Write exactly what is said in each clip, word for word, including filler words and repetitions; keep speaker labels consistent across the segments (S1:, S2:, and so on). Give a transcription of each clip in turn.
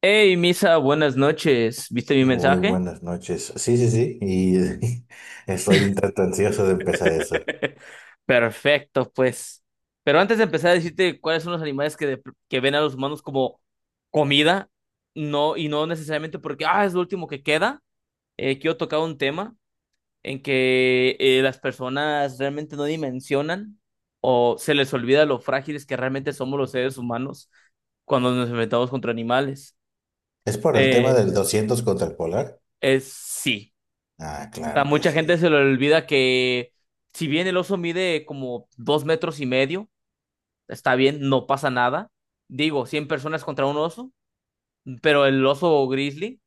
S1: Hey, Misa, buenas noches. ¿Viste mi
S2: Muy
S1: mensaje?
S2: buenas noches. Sí, sí, sí. Y estoy un tanto ansioso de empezar eso.
S1: Perfecto, pues. Pero antes de empezar a decirte cuáles son los animales que, de- que ven a los humanos como comida, no, y no necesariamente porque, ah, es lo último que queda, eh, quiero tocar un tema en que eh, las personas realmente no dimensionan o se les olvida lo frágiles que realmente somos los seres humanos cuando nos enfrentamos contra animales.
S2: ¿Es por el tema
S1: Eh,
S2: del doscientos contra el polar?
S1: es sí.
S2: Ah,
S1: A
S2: claro que
S1: mucha gente se
S2: sí.
S1: le olvida que si bien el oso mide como dos metros y medio, está bien, no pasa nada. Digo, cien personas contra un oso, pero el oso grizzly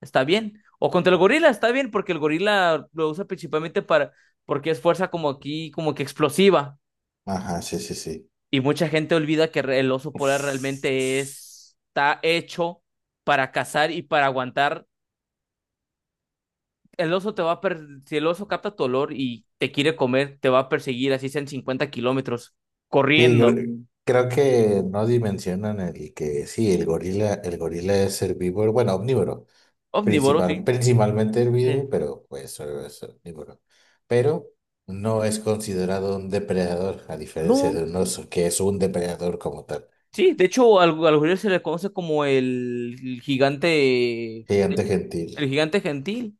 S1: está bien. O contra el gorila está bien, porque el gorila lo usa principalmente para, porque es fuerza como aquí, como que explosiva.
S2: Ajá, sí, sí, sí.
S1: Y mucha gente olvida que re- el oso polar
S2: Uf.
S1: realmente
S2: Sí,
S1: es- está hecho para cazar y para aguantar, el oso te va a per- si el oso capta tu olor y te quiere comer, te va a perseguir así sean cincuenta kilómetros corriendo.
S2: cre- creo, que no dimensionan el que sí, el gorila, el gorila es herbívoro, bueno, omnívoro,
S1: Omnívoro,
S2: principal,
S1: sí.
S2: principalmente
S1: Sí.
S2: herbívoro, pero pues solo es omnívoro. Pero no es considerado un depredador, a diferencia
S1: No,
S2: de un oso, que es un depredador como tal.
S1: sí, de hecho al, al gorila se le conoce como el, el gigante,
S2: Gigante gentil.
S1: el gigante gentil.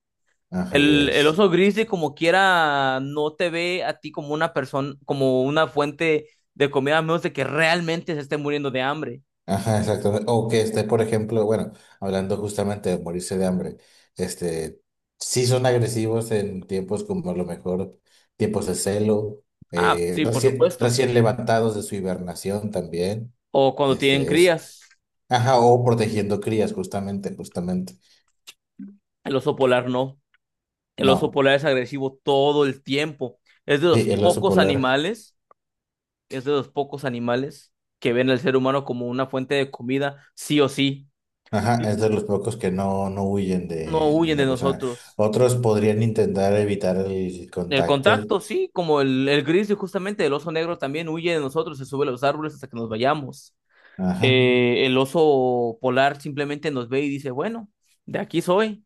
S2: Ajá, y
S1: El, el
S2: es.
S1: oso gris de como quiera no te ve a ti como una persona, como una fuente de comida, a menos de que realmente se esté muriendo de hambre.
S2: Ajá, exactamente. O que esté, por ejemplo, bueno, hablando justamente de morirse de hambre, este, sí son agresivos en tiempos como a lo mejor tiempos de celo,
S1: Ah,
S2: eh,
S1: sí, por
S2: recién,
S1: supuesto.
S2: recién levantados de su hibernación también,
S1: O cuando tienen
S2: este es,
S1: crías,
S2: ajá, o protegiendo crías, justamente, justamente.
S1: el oso polar no. El oso
S2: No,
S1: polar es agresivo todo el tiempo. Es de los
S2: sí, el oso
S1: pocos
S2: polar,
S1: animales, es de los pocos animales que ven al ser humano como una fuente de comida, sí o sí.
S2: ajá,
S1: Sí.
S2: es de los pocos que no, no huyen
S1: No
S2: de, de
S1: huyen de
S2: una persona.
S1: nosotros.
S2: Otros podrían intentar evitar el
S1: El
S2: contacto,
S1: contacto, sí, como el, el grizzly justamente, el oso negro también huye de nosotros, se sube a los árboles hasta que nos vayamos.
S2: ajá.
S1: Eh, el oso polar simplemente nos ve y dice, bueno, de aquí soy.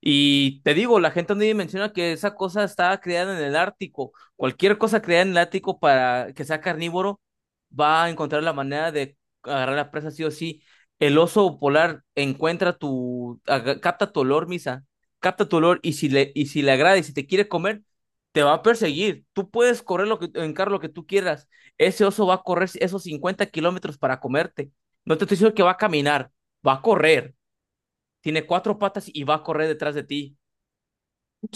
S1: Y te digo, la gente no menciona que esa cosa estaba creada en el Ártico. Cualquier cosa creada en el Ártico para que sea carnívoro va a encontrar la manera de agarrar la presa sí o sí. El oso polar encuentra tu, aga- capta tu olor, Misa, capta tu olor y si le, y si le agrada y si te quiere comer, te va a perseguir. Tú puedes correr lo que, en carro lo que tú quieras. Ese oso va a correr esos cincuenta kilómetros para comerte. No te estoy diciendo que va a caminar, va a correr. Tiene cuatro patas y va a correr detrás de ti.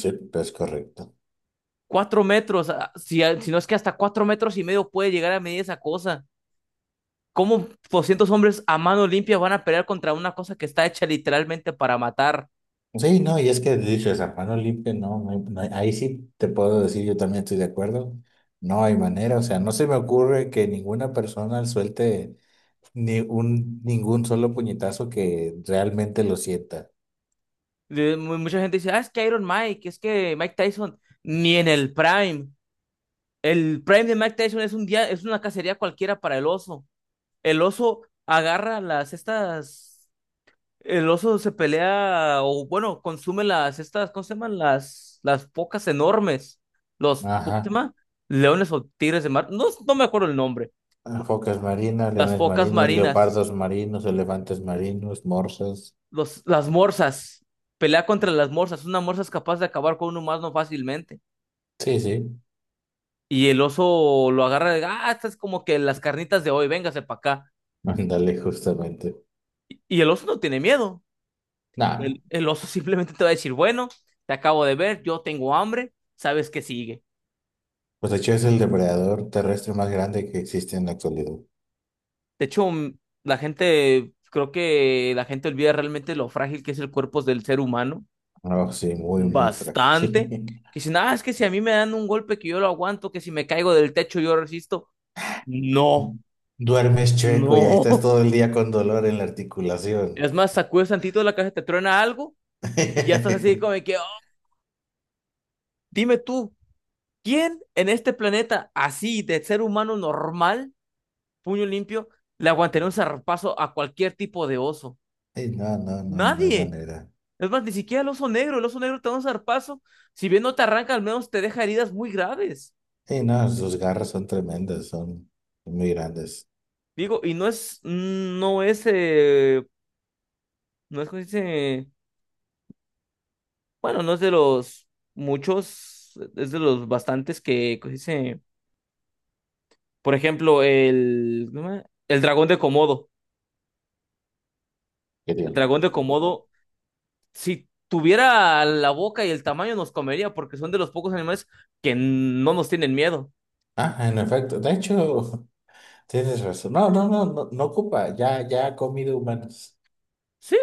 S2: Sí, es correcto.
S1: Cuatro metros, ah, si, ah, si no es que hasta cuatro metros y medio puede llegar a medir esa cosa. ¿Cómo doscientos hombres a mano limpia van a pelear contra una cosa que está hecha literalmente para matar?
S2: Sí, no, y es que dices, a mano limpia, no, no hay- no hay- ahí sí te puedo decir, yo también estoy de acuerdo. No hay manera, o sea, no se me ocurre que ninguna persona suelte ni un, ningún solo puñetazo que realmente lo sienta.
S1: Le- mu- Mucha gente dice, ah, es que Iron Mike, es que Mike Tyson, ni en el Prime. El Prime de Mike Tyson es un día, es una cacería cualquiera para el oso. El oso agarra las estas. El oso se pelea, o bueno, consume las, estas, ¿cómo se llaman? Las, las focas enormes. Los, ¿cómo se
S2: Ajá.
S1: llama? Leones o tigres de mar. No, no me acuerdo el nombre.
S2: Focas marinas,
S1: Las
S2: leones
S1: focas
S2: marinos,
S1: marinas.
S2: leopardos marinos, elefantes marinos, morsas.
S1: Los, las morsas. Pelea contra las morsas. Una morsa es capaz de acabar con un humano fácilmente.
S2: Sí, sí.
S1: Y el oso lo agarra de, ah, estas es como que las carnitas de hoy, véngase para acá.
S2: Ándale, justamente.
S1: Y el oso no tiene miedo.
S2: Nah,
S1: El, el oso simplemente te va a decir, bueno, te acabo de ver, yo tengo hambre, sabes que sigue.
S2: pues de hecho es el depredador terrestre más grande que existe en la actualidad.
S1: De hecho, mm, la gente, creo que la gente olvida realmente lo frágil que es el cuerpo del ser humano.
S2: No, sí, muy, muy
S1: Bastante.
S2: frágil.
S1: Que si nada, es que si a mí me dan un golpe que yo lo aguanto, que si me caigo del techo yo resisto. No,
S2: Duermes chueco y ahí
S1: no.
S2: estás todo el día con dolor en la articulación.
S1: Es más, sacudes tantito la caja te truena algo y ya estás así como de que, "Oh, dime tú, ¿quién en este planeta así de ser humano normal, puño limpio, le aguantaría un zarpazo a cualquier tipo de oso?
S2: Ey, no, no, no, no hay
S1: Nadie.
S2: manera.
S1: Es más, ni siquiera el oso negro, el oso negro te da un zarpazo. Si bien no te arranca, al menos te deja heridas muy graves.
S2: Ey, no, sus garras son tremendas, son muy grandes.
S1: Digo, y no es, mm, no es, eh, no es, ¿cómo se dice? Bueno, no es de los muchos, es de los bastantes que, ¿cómo se dice? Por ejemplo, el, ¿cómo se llama? El dragón de Komodo.
S2: Qué
S1: El
S2: bien,
S1: dragón
S2: pero
S1: de
S2: qué cómodo.
S1: Komodo, si tuviera la boca y el tamaño, nos comería, porque son de los pocos animales que no nos tienen miedo.
S2: Ah, en efecto, de hecho, tienes razón. No, no, no, no, no ocupa, ya, ya ha comido humanos.
S1: Sí,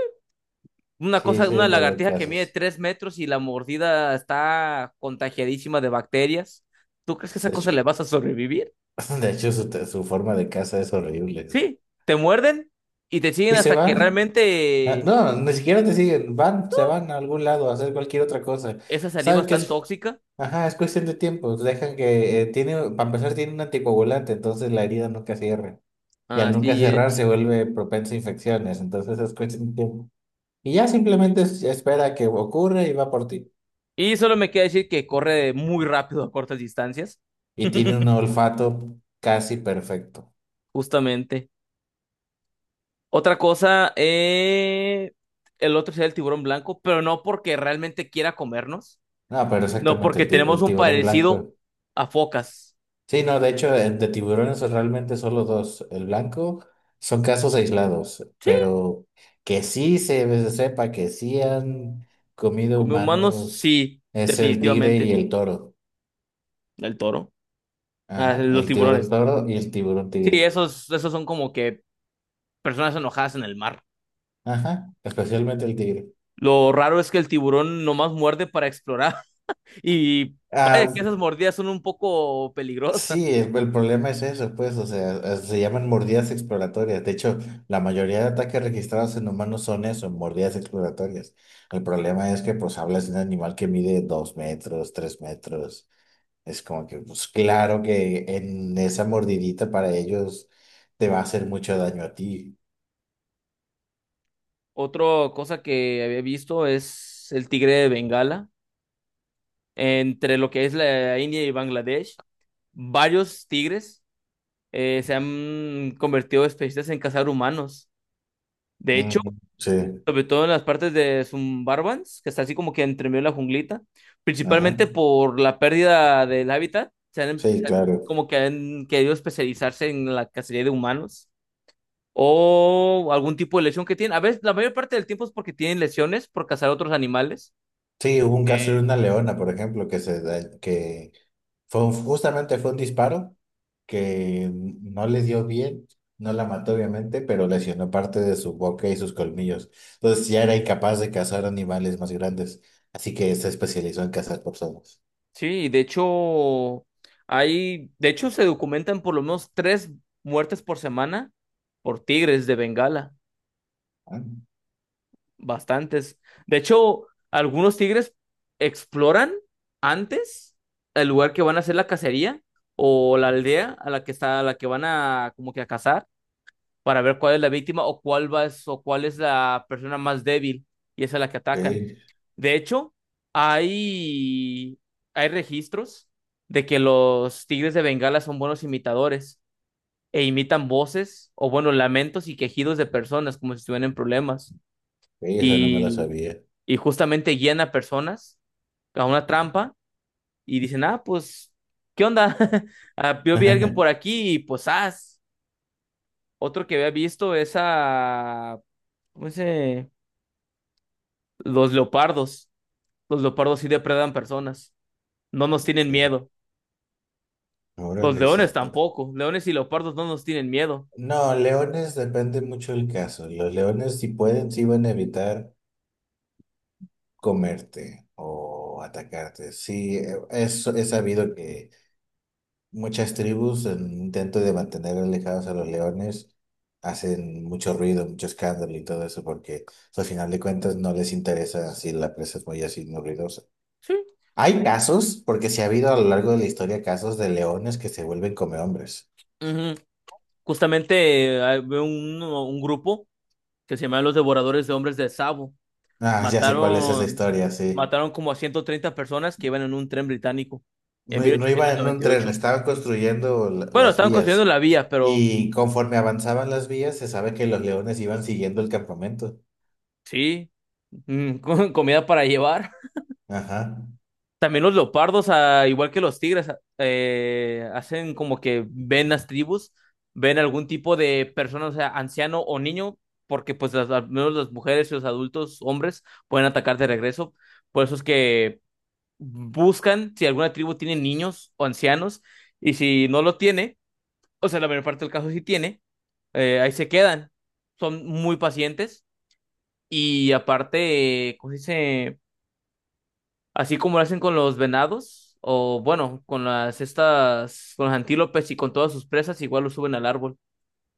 S1: una
S2: Sí,
S1: cosa,
S2: se
S1: una
S2: han dado
S1: lagartija que mide
S2: casos.
S1: tres metros y la mordida está contagiadísima de bacterias. ¿Tú crees que a esa
S2: De hecho,
S1: cosa le vas a sobrevivir?
S2: de hecho su, te- su forma de caza es horrible.
S1: Sí, te muerden y te siguen
S2: Y se
S1: hasta que
S2: van. Ah,
S1: realmente
S2: no, ni siquiera te siguen, van, se van a algún lado a hacer cualquier otra cosa.
S1: esa saliva
S2: Saben
S1: es
S2: que
S1: tan
S2: es,
S1: tóxica.
S2: ajá, es cuestión de tiempo. Dejan que, eh, tiene, para empezar, tiene un anticoagulante, entonces la herida nunca cierra. Y al nunca
S1: Así
S2: cerrar
S1: es.
S2: se vuelve propensa a infecciones, entonces es cuestión de tiempo. Y ya simplemente es- espera que ocurra y va por ti.
S1: Y solo me queda decir que corre muy rápido a cortas distancias,
S2: Y tiene un olfato casi perfecto.
S1: justamente. Otra cosa, eh, el otro sería el tiburón blanco, pero no porque realmente quiera comernos,
S2: No, pero
S1: no
S2: exactamente,
S1: porque
S2: el, ti-
S1: tenemos
S2: el
S1: un
S2: tiburón
S1: parecido
S2: blanco.
S1: a focas.
S2: Sí, no, de hecho, eh, de tiburones realmente solo dos. El blanco son casos aislados,
S1: Sí,
S2: pero que sí se se sepa que sí han comido
S1: come humanos,
S2: humanos
S1: sí,
S2: es el tigre y
S1: definitivamente.
S2: el toro.
S1: El toro. Ah,
S2: Ajá,
S1: los
S2: el tiburón
S1: tiburones.
S2: toro y el tiburón
S1: Sí,
S2: tigre.
S1: esos, esos son como que personas enojadas en el mar.
S2: Ajá, especialmente el tigre.
S1: Lo raro es que el tiburón nomás muerde para explorar. Y vaya que
S2: Ah,
S1: esas mordidas son un poco peligrosas.
S2: sí, el, el problema es eso, pues, o sea, eh, se llaman mordidas exploratorias. De hecho, la mayoría de ataques registrados en humanos son eso, mordidas exploratorias. El problema es que, pues, hablas de un animal que mide dos metros, tres metros. Es como que, pues, claro que en esa mordidita para ellos te va a hacer mucho daño a ti.
S1: Otra cosa que había visto es el tigre de Bengala. Entre lo que es la India y Bangladesh, varios tigres eh, se han convertido especialistas en cazar humanos. De hecho,
S2: Mm, sí,
S1: sobre todo en las partes de Sumbarbans, que está así como que entre medio de la junglita,
S2: ajá,
S1: principalmente por la pérdida del hábitat, se han, em,
S2: sí,
S1: se han-
S2: claro.
S1: como que han querido especializarse en la cacería de humanos o algún tipo de lesión que tienen. A veces, la mayor parte del tiempo es porque tienen lesiones por cazar otros animales.
S2: Sí, hubo un caso de
S1: Eh,
S2: una leona, por ejemplo, que se da- que fue un- justamente fue un disparo que no le dio bien, no la mató obviamente, pero lesionó parte de su boca y sus colmillos. Entonces ya era incapaz de cazar animales más grandes, así que se especializó en cazar personas.
S1: sí, y de hecho, hay, de hecho se documentan por lo menos tres muertes por semana por tigres de Bengala.
S2: Ah,
S1: Bastantes. De hecho, algunos tigres exploran antes el lugar que van a hacer la cacería o la aldea a la que está, a la que van a como que a cazar para ver cuál es la víctima o cuál va es- o cuál es la persona más débil y esa es la que
S2: ok,
S1: atacan. De hecho, hay hay registros de que los tigres de Bengala son buenos imitadores e imitan voces o bueno, lamentos y quejidos de personas como si estuvieran en problemas.
S2: ok, esa no me la
S1: Y
S2: sabía.
S1: y justamente guían a personas a una trampa y dicen, ah, pues, ¿qué onda? Ah, yo vi a alguien por aquí y pues, ah, otro que había visto es a, ¿cómo se? Los leopardos. Los leopardos sí depredan personas, no nos tienen
S2: Ok,
S1: miedo.
S2: ahora
S1: Los
S2: les...
S1: leones tampoco, leones y leopardos no nos tienen miedo.
S2: No, leones depende mucho del caso. Los leones si pueden, sí van a evitar comerte o atacarte. Sí, eh, es, es sabido que muchas tribus, en un intento de mantener alejados a los leones, hacen mucho ruido, mucho escándalo y todo eso, porque pues, al final de cuentas no les interesa si la presa es muy así, muy ruidosa.
S1: Sí.
S2: Hay casos, porque sí ha habido a lo largo de la historia casos de leones que se vuelven hombres.
S1: Ujú. Justamente eh, había un, un grupo que se llama los devoradores de hombres de Sabo.
S2: Ah, ya sé cuál es esa
S1: Mataron,
S2: historia, sí.
S1: mataron como a ciento treinta personas que iban en un tren británico en
S2: No,
S1: mil
S2: no
S1: ochocientos
S2: iban en un
S1: noventa y
S2: tren,
S1: ocho
S2: estaban construyendo la-
S1: Bueno,
S2: las
S1: estaban construyendo
S2: vías.
S1: la vía, pero
S2: Y conforme avanzaban las vías, se sabe que los leones iban siguiendo el campamento.
S1: sí, mm, con comida para llevar.
S2: Ajá.
S1: También los leopardos, ah, igual que los tigres, ah, eh, hacen como que ven las tribus, ven algún tipo de persona, o sea, anciano o niño, porque pues las- al menos las mujeres y los adultos, hombres, pueden atacar de regreso. Por eso es que buscan si alguna tribu tiene niños o ancianos, y si no lo tiene, o sea, la mayor parte del caso sí tiene, eh, ahí se quedan. Son muy pacientes y aparte, eh, ¿cómo se dice? Así como lo hacen con los venados, o bueno, con las estas, con los antílopes y con todas sus presas, igual lo suben al árbol.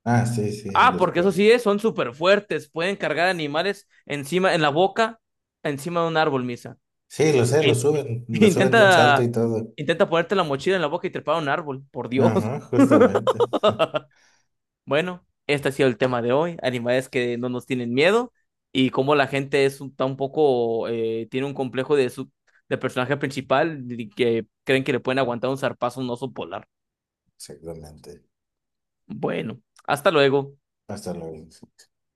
S2: Ah, sí, sí,
S1: Ah,
S2: los
S1: porque eso
S2: cuales.
S1: sí es, son súper fuertes, pueden cargar animales encima, en la boca, encima de un árbol, Misa.
S2: Sí, lo sé, lo suben, lo suben de un salto
S1: Intenta,
S2: y todo.
S1: intenta ponerte la mochila en la boca y trepar a un árbol, por Dios.
S2: Ajá, justamente.
S1: Bueno, este ha sido el tema de hoy, animales que no nos tienen miedo y cómo la gente es un, está un poco, eh, tiene un complejo de su de personaje principal y que creen que le pueden aguantar un zarpazo a un oso polar.
S2: Exactamente.
S1: Bueno, hasta luego.
S2: Hasta luego.